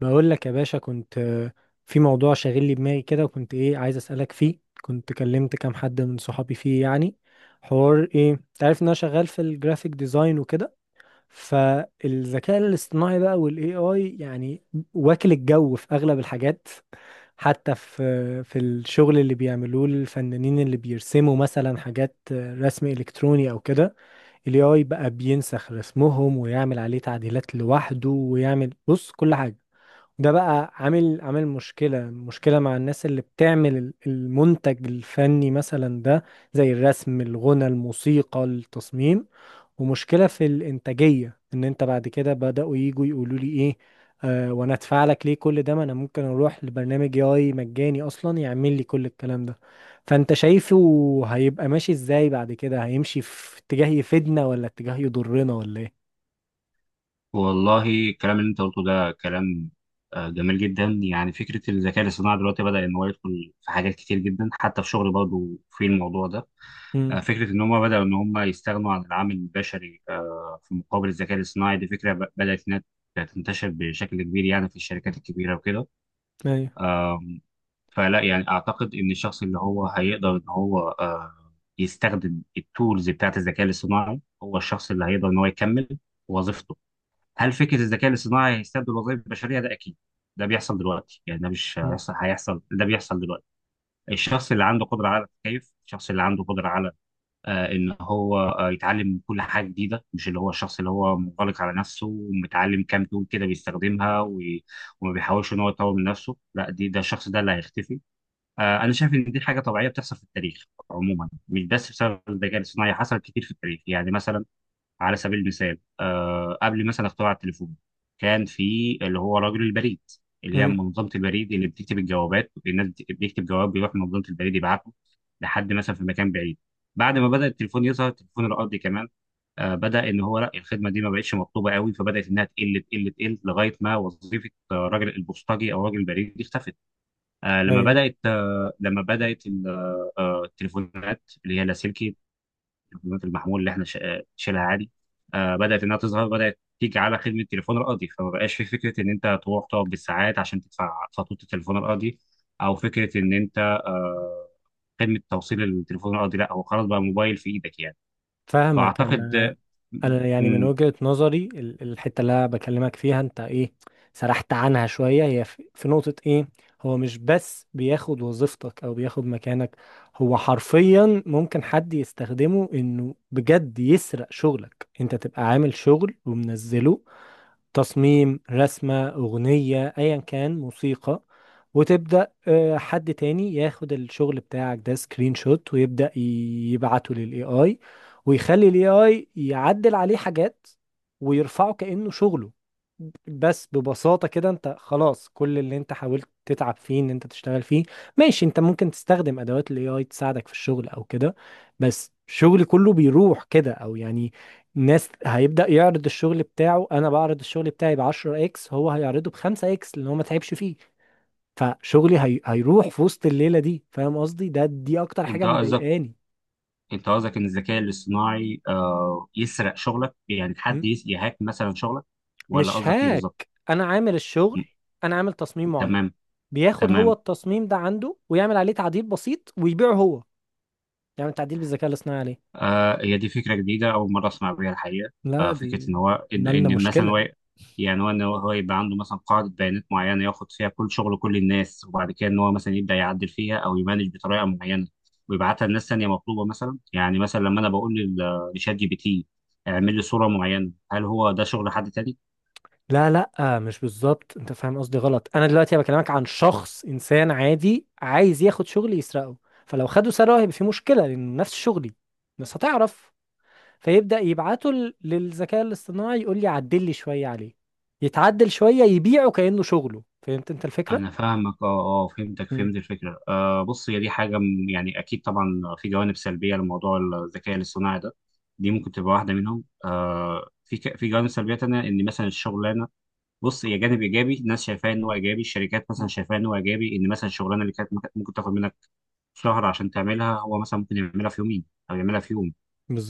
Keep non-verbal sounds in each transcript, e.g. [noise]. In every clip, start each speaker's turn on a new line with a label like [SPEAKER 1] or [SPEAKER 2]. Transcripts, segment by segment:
[SPEAKER 1] بقول لك يا باشا، كنت في موضوع شاغل لي دماغي كده، وكنت ايه عايز اسالك فيه. كنت كلمت كام حد من صحابي فيه، يعني حوار ايه. انت عارف ان انا شغال في الجرافيك ديزاين وكده، فالذكاء الاصطناعي بقى والاي اي يعني واكل الجو في اغلب الحاجات. حتى في الشغل اللي بيعملوه الفنانين اللي بيرسموا مثلا حاجات، رسم الكتروني او كده، الاي اي بقى بينسخ رسمهم ويعمل عليه تعديلات لوحده ويعمل بص كل حاجة. ده بقى عامل مشكلة مع الناس اللي بتعمل المنتج الفني مثلا ده، زي الرسم الغنى الموسيقى التصميم. ومشكلة في الإنتاجية إن أنت بعد كده بدأوا يجوا يقولوا لي إيه، آه وأنا أدفع لك ليه كل ده، ما أنا ممكن أروح لبرنامج AI مجاني أصلا يعمل لي كل الكلام ده. فأنت شايفه هيبقى ماشي إزاي بعد كده؟ هيمشي في اتجاه يفيدنا ولا اتجاه يضرنا ولا إيه؟
[SPEAKER 2] والله، الكلام اللي انت قلته ده كلام جميل جدا. يعني فكره الذكاء الاصطناعي دلوقتي بدا ان هو يدخل في حاجات كتير جدا، حتى في شغل برضه في الموضوع ده.
[SPEAKER 1] امم
[SPEAKER 2] فكره ان هم بداوا ان هم يستغنوا عن العامل البشري في مقابل الذكاء الاصطناعي. دي فكره بدات انها تنتشر بشكل كبير يعني في الشركات الكبيره وكده.
[SPEAKER 1] أيوه.
[SPEAKER 2] آم، فلا يعني اعتقد ان الشخص اللي هو هيقدر ان هو يستخدم التولز بتاعت الذكاء الاصطناعي، هو الشخص اللي هيقدر ان هو يكمل وظيفته. هل فكره الذكاء الاصطناعي هيستبدل الوظائف البشريه؟ ده اكيد، ده بيحصل دلوقتي. يعني ده مش هيحصل، هيحصل، ده بيحصل دلوقتي. الشخص اللي عنده قدره على التكيف، الشخص اللي عنده قدره على ان هو يتعلم كل حاجه جديده، مش اللي هو الشخص اللي هو منغلق على نفسه ومتعلم كام تول كده بيستخدمها وما بيحاولش ان هو يطور من نفسه. لا دي ده الشخص ده اللي هيختفي. انا شايف ان دي حاجه طبيعيه بتحصل في التاريخ عموما، مش بس بسبب الذكاء الاصطناعي، حصلت كتير في التاريخ. يعني مثلا، على سبيل المثال قبل مثلا اختراع التليفون كان في اللي هو رجل البريد، اللي هي
[SPEAKER 1] امم
[SPEAKER 2] منظمة البريد اللي بتكتب الجوابات. الناس بيكتب جواب، بيروح منظمة البريد يبعته لحد مثلا في مكان بعيد. بعد ما بدأ التليفون يظهر، التليفون الأرضي كمان بدأ، إن هو لا الخدمة دي ما بقتش مطلوبة قوي، فبدأت إنها تقل تقل تقل لغاية ما وظيفة راجل البوسطجي أو راجل البريد دي اختفت.
[SPEAKER 1] أيوه.
[SPEAKER 2] لما بدأت التليفونات اللي هي اللاسلكي، البيانات المحمول اللي احنا شايلها عادي. بدات انها تظهر، بدات تيجي على خدمه التليفون الارضي، فما بقاش في فكره ان انت تروح تقعد بالساعات عشان تدفع فاتوره التليفون الارضي، او فكره ان انت خدمه توصيل التليفون الارضي. لا هو خلاص بقى موبايل في ايدك يعني.
[SPEAKER 1] فاهمك
[SPEAKER 2] فاعتقد.
[SPEAKER 1] انا.
[SPEAKER 2] م-
[SPEAKER 1] انا يعني من
[SPEAKER 2] م-
[SPEAKER 1] وجهة نظري الحتة اللي انا بكلمك فيها انت ايه، سرحت عنها شوية. هي في نقطة ايه، هو مش بس بياخد وظيفتك او بياخد مكانك، هو حرفيا ممكن حد يستخدمه انه بجد يسرق شغلك. انت تبقى عامل شغل ومنزله، تصميم، رسمة، أغنية، أيا كان، موسيقى، وتبدأ حد تاني ياخد الشغل بتاعك ده سكرين شوت ويبدأ يبعته للاي اي، ويخلي الاي اي يعدل عليه حاجات ويرفعه كأنه شغله. بس ببساطة كده انت خلاص، كل اللي انت حاولت تتعب فيه ان انت تشتغل فيه. ماشي، انت ممكن تستخدم ادوات الاي اي تساعدك في الشغل او كده، بس شغلي كله بيروح كده، او يعني، ناس هيبدأ يعرض الشغل بتاعه، انا بعرض الشغل بتاعي ب 10 اكس، هو هيعرضه ب 5 اكس لان هو ما تعبش فيه. فشغلي هيروح في وسط الليلة دي. فاهم قصدي؟ ده دي اكتر حاجة
[SPEAKER 2] انت قصدك
[SPEAKER 1] مضايقاني.
[SPEAKER 2] انت قصدك ان الذكاء الاصطناعي يسرق شغلك، يعني حد
[SPEAKER 1] م?
[SPEAKER 2] يهاك مثلا شغلك؟ ولا
[SPEAKER 1] مش
[SPEAKER 2] قصدك ايه بالظبط؟
[SPEAKER 1] هاك انا عامل الشغل،
[SPEAKER 2] م-
[SPEAKER 1] انا عامل تصميم معين،
[SPEAKER 2] تمام.
[SPEAKER 1] بياخد هو
[SPEAKER 2] تمام.
[SPEAKER 1] التصميم ده عنده ويعمل عليه تعديل بسيط ويبيعه هو. يعمل تعديل بالذكاء الاصطناعي عليه.
[SPEAKER 2] هي دي فكرة جديدة، أول مرة أسمع بيها الحقيقة.
[SPEAKER 1] لا،
[SPEAKER 2] فكرة
[SPEAKER 1] دي
[SPEAKER 2] إن هو إن,
[SPEAKER 1] نالنا
[SPEAKER 2] إن مثلا
[SPEAKER 1] مشكلة.
[SPEAKER 2] هو يعني هو إن هو هو يبقى عنده مثلا قاعدة بيانات معينة ياخد فيها كل شغل كل الناس، وبعد كده إن هو مثلا يبدأ يعدل فيها أو يمانج بطريقة معينة، ويبعتها لناس تانية مطلوبة مثلا. يعني مثلا لما أنا بقول لشات GPT اعمل لي صورة معينة، هل هو ده شغل حد تاني؟
[SPEAKER 1] لا لا، مش بالظبط، انت فاهم قصدي غلط. انا دلوقتي بكلمك عن شخص انسان عادي عايز ياخد شغل يسرقه. فلو خده سرقه هيبقى في مشكله، لان نفس شغلي الناس هتعرف. فيبدا يبعته للذكاء الاصطناعي، يقول لي عدل لي شويه عليه، يتعدل شويه يبيعه كانه شغله. فهمت انت الفكره؟
[SPEAKER 2] انا فاهمك، اه اه، فهمتك،
[SPEAKER 1] مم.
[SPEAKER 2] فهمت الفكره. بص هي دي حاجه يعني اكيد طبعا في جوانب سلبيه لموضوع الذكاء الاصطناعي ده. دي ممكن تبقى واحده منهم. في في جوانب سلبيه تانية، ان مثلا الشغلانه، بص هي جانب ايجابي. الناس شايفاه ان هو ايجابي، الشركات مثلا
[SPEAKER 1] مم.
[SPEAKER 2] شايفاه ان هو ايجابي، ان مثلا الشغلانه اللي كانت ممكن تاخد منك شهر عشان تعملها، هو مثلا ممكن يعملها في يومين او يعملها في يوم.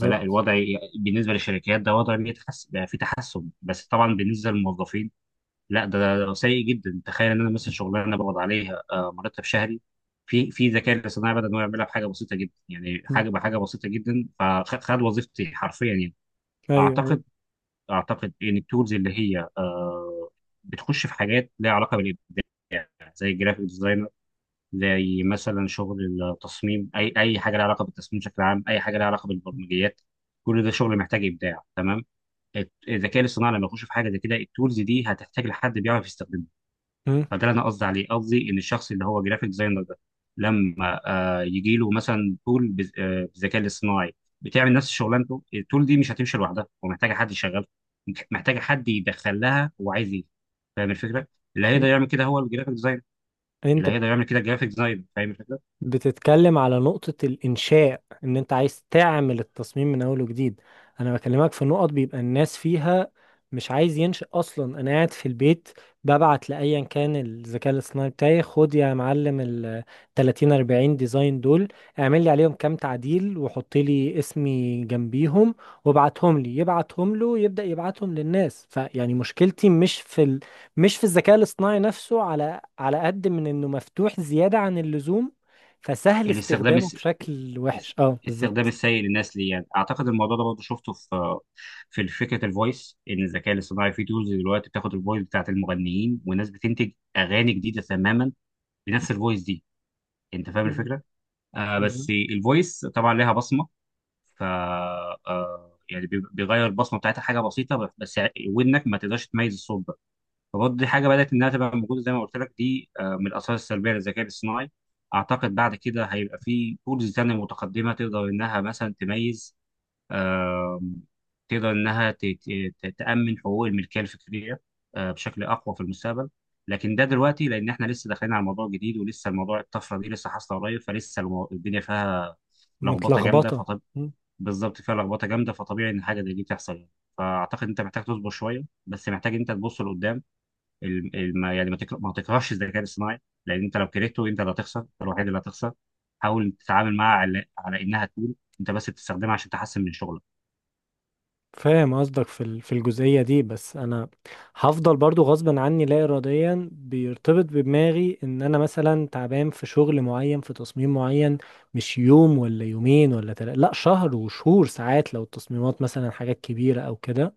[SPEAKER 2] فلا الوضع بالنسبه للشركات ده وضع بيتحسن، بقى في تحسن. بس طبعا بالنسبه للموظفين لا، ده سيء جدا. تخيل ان انا مثلا شغلانه بقبض عليها مرتب شهري، في ذكاء الاصطناعي بدا ان هو يعملها بحاجه بسيطه جدا، يعني
[SPEAKER 1] مم.
[SPEAKER 2] بحاجه بسيطه جدا. فخد خد وظيفتي حرفيا يعني.
[SPEAKER 1] ايوه، ايوه.
[SPEAKER 2] اعتقد اعتقد ان التولز اللي هي بتخش في حاجات ليها علاقه بالابداع، زي الجرافيك ديزاينر، زي مثلا شغل التصميم. اي حاجه ليها علاقه بالتصميم بشكل عام، اي حاجه ليها علاقه بالبرمجيات، كل ده شغل محتاج ابداع. تمام. الذكاء الاصطناعي لما يخش في حاجه زي كده، التولز دي هتحتاج لحد بيعرف يستخدمها.
[SPEAKER 1] مم.
[SPEAKER 2] فده اللي انا قصدي عليه، قصدي ان الشخص اللي هو جرافيك ديزاينر ده لما يجي له مثلا تول بالذكاء الاصطناعي بتعمل نفس شغلانته، التول دي مش هتمشي لوحدها، ومحتاجه حد يشغلها، محتاجه حد يدخل لها هو عايز ايه. فاهم الفكره؟ اللي هيقدر
[SPEAKER 1] مم.
[SPEAKER 2] يعمل كده هو الجرافيك ديزاينر، اللي
[SPEAKER 1] انت
[SPEAKER 2] هيقدر يعمل كده الجرافيك ديزاينر. فاهم الفكره؟
[SPEAKER 1] بتتكلم على نقطة الإنشاء، إن أنت عايز تعمل التصميم من أول وجديد. أنا بكلمك في نقط بيبقى الناس فيها مش عايز ينشأ أصلا. أنا قاعد في البيت، ببعت لأيا كان الذكاء الاصطناعي بتاعي، خد يا معلم ال 30 40 ديزاين دول، اعمل لي عليهم كام تعديل وحط لي اسمي جنبيهم، وابعتهم لي. يبعتهم له يبدأ يبعتهم للناس، فيعني مشكلتي مش في مش في الذكاء الاصطناعي نفسه، على قد من إنه مفتوح زيادة عن اللزوم، فسهل
[SPEAKER 2] الاستخدام
[SPEAKER 1] استخدامه
[SPEAKER 2] الس...
[SPEAKER 1] بشكل
[SPEAKER 2] الس-
[SPEAKER 1] وحش. اه،
[SPEAKER 2] الاستخدام
[SPEAKER 1] بالظبط.
[SPEAKER 2] السيء للناس ليه يعني. اعتقد الموضوع ده برضه شفته في فكره الفويس. ان الذكاء الاصطناعي في تولز دلوقتي بتاخد الفويس بتاعت المغنيين، والناس بتنتج اغاني جديده تماما بنفس الفويس دي. انت فاهم
[SPEAKER 1] مم.
[SPEAKER 2] الفكره؟
[SPEAKER 1] بالظبط.
[SPEAKER 2] بس الفويس طبعا لها بصمه، ف يعني بيغير البصمه بتاعتها حاجه بسيطه بس ودنك ما تقدرش تميز الصوت. فبرضه دي حاجه بدات انها تبقى موجوده، زي ما قلت لك، دي من الاثار السلبيه للذكاء الاصطناعي. اعتقد بعد كده هيبقى في تولز تانية متقدمه تقدر انها مثلا تميز. آم، تقدر انها تامن حقوق الملكيه الفكريه بشكل اقوى في المستقبل. لكن ده دلوقتي لان احنا لسه داخلين على موضوع جديد، ولسه الموضوع الطفره دي لسه حاصله قريب، فلسه الدنيا فيها لخبطه جامده
[SPEAKER 1] متلخبطة.
[SPEAKER 2] فطب.
[SPEAKER 1] مم.
[SPEAKER 2] بالظبط، فيها لخبطه جامده فطبيعي ان حاجه زي دي تحصل يعني. فاعتقد انت محتاج تصبر شويه، بس محتاج انت تبص لقدام. ما يعني ما تكرهش الذكاء الاصطناعي، لان انت لو كرهته، انت اللي هتخسر، انت الوحيد اللي هتخسر. حاول تتعامل معها على انها تكون، انت بس بتستخدمها عشان تحسن من شغلك.
[SPEAKER 1] فاهم قصدك في في الجزئية دي، بس أنا هفضل برضو غصبا عني لا إراديا بيرتبط بدماغي إن أنا مثلا تعبان في شغل معين، في تصميم معين، مش يوم ولا يومين ولا تلاتة، لا، شهر وشهور ساعات لو التصميمات مثلا حاجات كبيرة أو كده،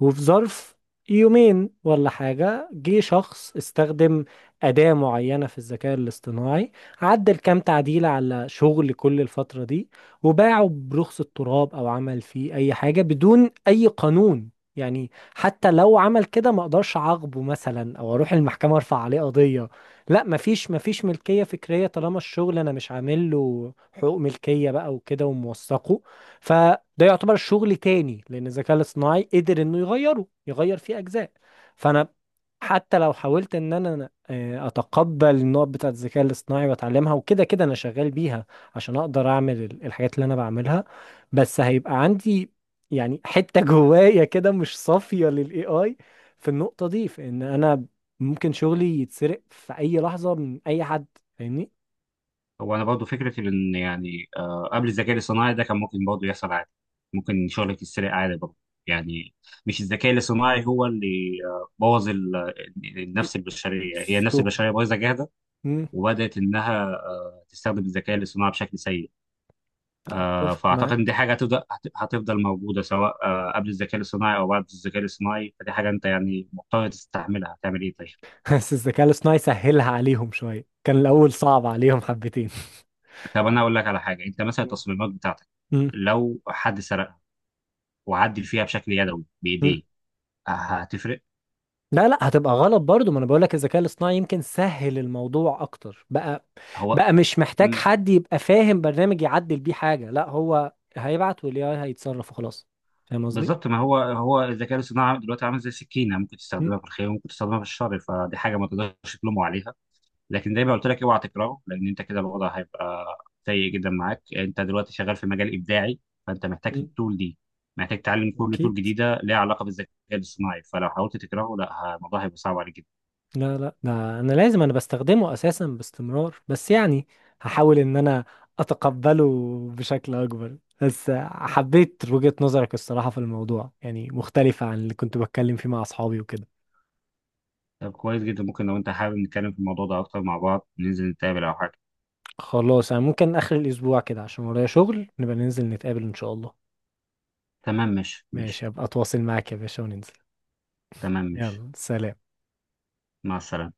[SPEAKER 1] وفي ظرف يومين ولا حاجة جه شخص استخدم أداة معينة في الذكاء الاصطناعي، عدل كام تعديل على شغل كل الفترة دي، وباعه برخص التراب أو عمل فيه أي حاجة بدون أي قانون. يعني حتى لو عمل كده ما اقدرش اعاقبه مثلا او اروح المحكمة ارفع عليه قضية. لا، مفيش ملكية فكرية طالما الشغل انا مش عامل له حقوق ملكية بقى وكده وموثقه. فده يعتبر شغل تاني لان الذكاء الاصطناعي قدر انه يغيره، يغير فيه اجزاء. فانا حتى لو حاولت ان انا اتقبل النقط بتاعت الذكاء الاصطناعي واتعلمها وكده، كده انا شغال بيها عشان اقدر اعمل الحاجات اللي انا بعملها، بس هيبقى عندي يعني حتة [laughs] جوايا كده مش صافية للاي اي في النقطة دي، في ان انا ممكن شغلي يتسرق في اي لحظة من اي حد. فاهمني؟
[SPEAKER 2] هو انا برضه فكره ان يعني قبل الذكاء الاصطناعي ده كان ممكن برضه يحصل عادي، ممكن شغلك يتسرق عادي برضه يعني. مش الذكاء الاصطناعي هو اللي بوظ النفس البشريه، هي
[SPEAKER 1] سو
[SPEAKER 2] النفس البشريه بايظه جاهزه،
[SPEAKER 1] مم،
[SPEAKER 2] وبدات انها تستخدم الذكاء الاصطناعي بشكل سيء.
[SPEAKER 1] اتفق
[SPEAKER 2] فاعتقد ان دي
[SPEAKER 1] معاك،
[SPEAKER 2] حاجه هتفضل موجوده، سواء قبل الذكاء الصناعي او بعد الذكاء الصناعي. فدي حاجه انت يعني مضطر تستحملها، هتعمل ايه؟ طيب.
[SPEAKER 1] بس الذكاء الاصطناعي سهلها عليهم شوية، كان الأول صعب عليهم حبتين. [laughs]
[SPEAKER 2] طب انا اقول لك على حاجه. انت مثلا
[SPEAKER 1] مم.
[SPEAKER 2] التصميمات بتاعتك
[SPEAKER 1] مم.
[SPEAKER 2] لو حد سرقها وعدل فيها بشكل يدوي
[SPEAKER 1] مم.
[SPEAKER 2] بايديه، هتفرق؟
[SPEAKER 1] لا لا، هتبقى غلط برضو. ما انا بقول لك الذكاء الاصطناعي يمكن سهل الموضوع اكتر بقى
[SPEAKER 2] هو
[SPEAKER 1] بقى مش محتاج
[SPEAKER 2] مم،
[SPEAKER 1] حد يبقى فاهم برنامج يعدل بيه حاجة، لا، هو هيبعت والاي اي هيتصرف وخلاص. فاهم قصدي؟
[SPEAKER 2] بالظبط. ما هو الذكاء الصناعي دلوقتي عامل زي سكينه، ممكن
[SPEAKER 1] مم.
[SPEAKER 2] تستخدمها في الخير وممكن تستخدمها في الشر، فدي حاجه ما تقدرش تلومه عليها. لكن زي ما قلت لك اوعى تكرهه، لان انت كده الوضع هيبقى سيء جدا معاك. انت دلوقتي شغال في مجال ابداعي، فانت محتاج
[SPEAKER 1] مم.
[SPEAKER 2] التول دي، محتاج تتعلم كل تول
[SPEAKER 1] اكيد،
[SPEAKER 2] جديده ليها علاقه بالذكاء الاصطناعي. فلو حاولت تكرهه، لا الموضوع هيبقى صعب عليك جدا.
[SPEAKER 1] لا لا، ده انا لازم انا بستخدمه اساسا باستمرار، بس يعني هحاول ان انا اتقبله بشكل اكبر. بس حبيت وجهة نظرك، الصراحة في الموضوع يعني مختلفة عن اللي كنت بتكلم فيه مع اصحابي وكده.
[SPEAKER 2] طب كويس جدا، ممكن لو انت حابب نتكلم في الموضوع ده اكتر مع بعض، ننزل نتقابل او حاجه؟
[SPEAKER 1] خلاص، انا ممكن اخر الاسبوع كده عشان ورايا شغل، نبقى ننزل نتقابل ان شاء الله.
[SPEAKER 2] تمام، ماشي
[SPEAKER 1] ماشي،
[SPEAKER 2] ماشي.
[SPEAKER 1] هبقى اتواصل معاك يا باشا وننزل.
[SPEAKER 2] تمام ماشي.
[SPEAKER 1] يلا، سلام.
[SPEAKER 2] مع السلامه.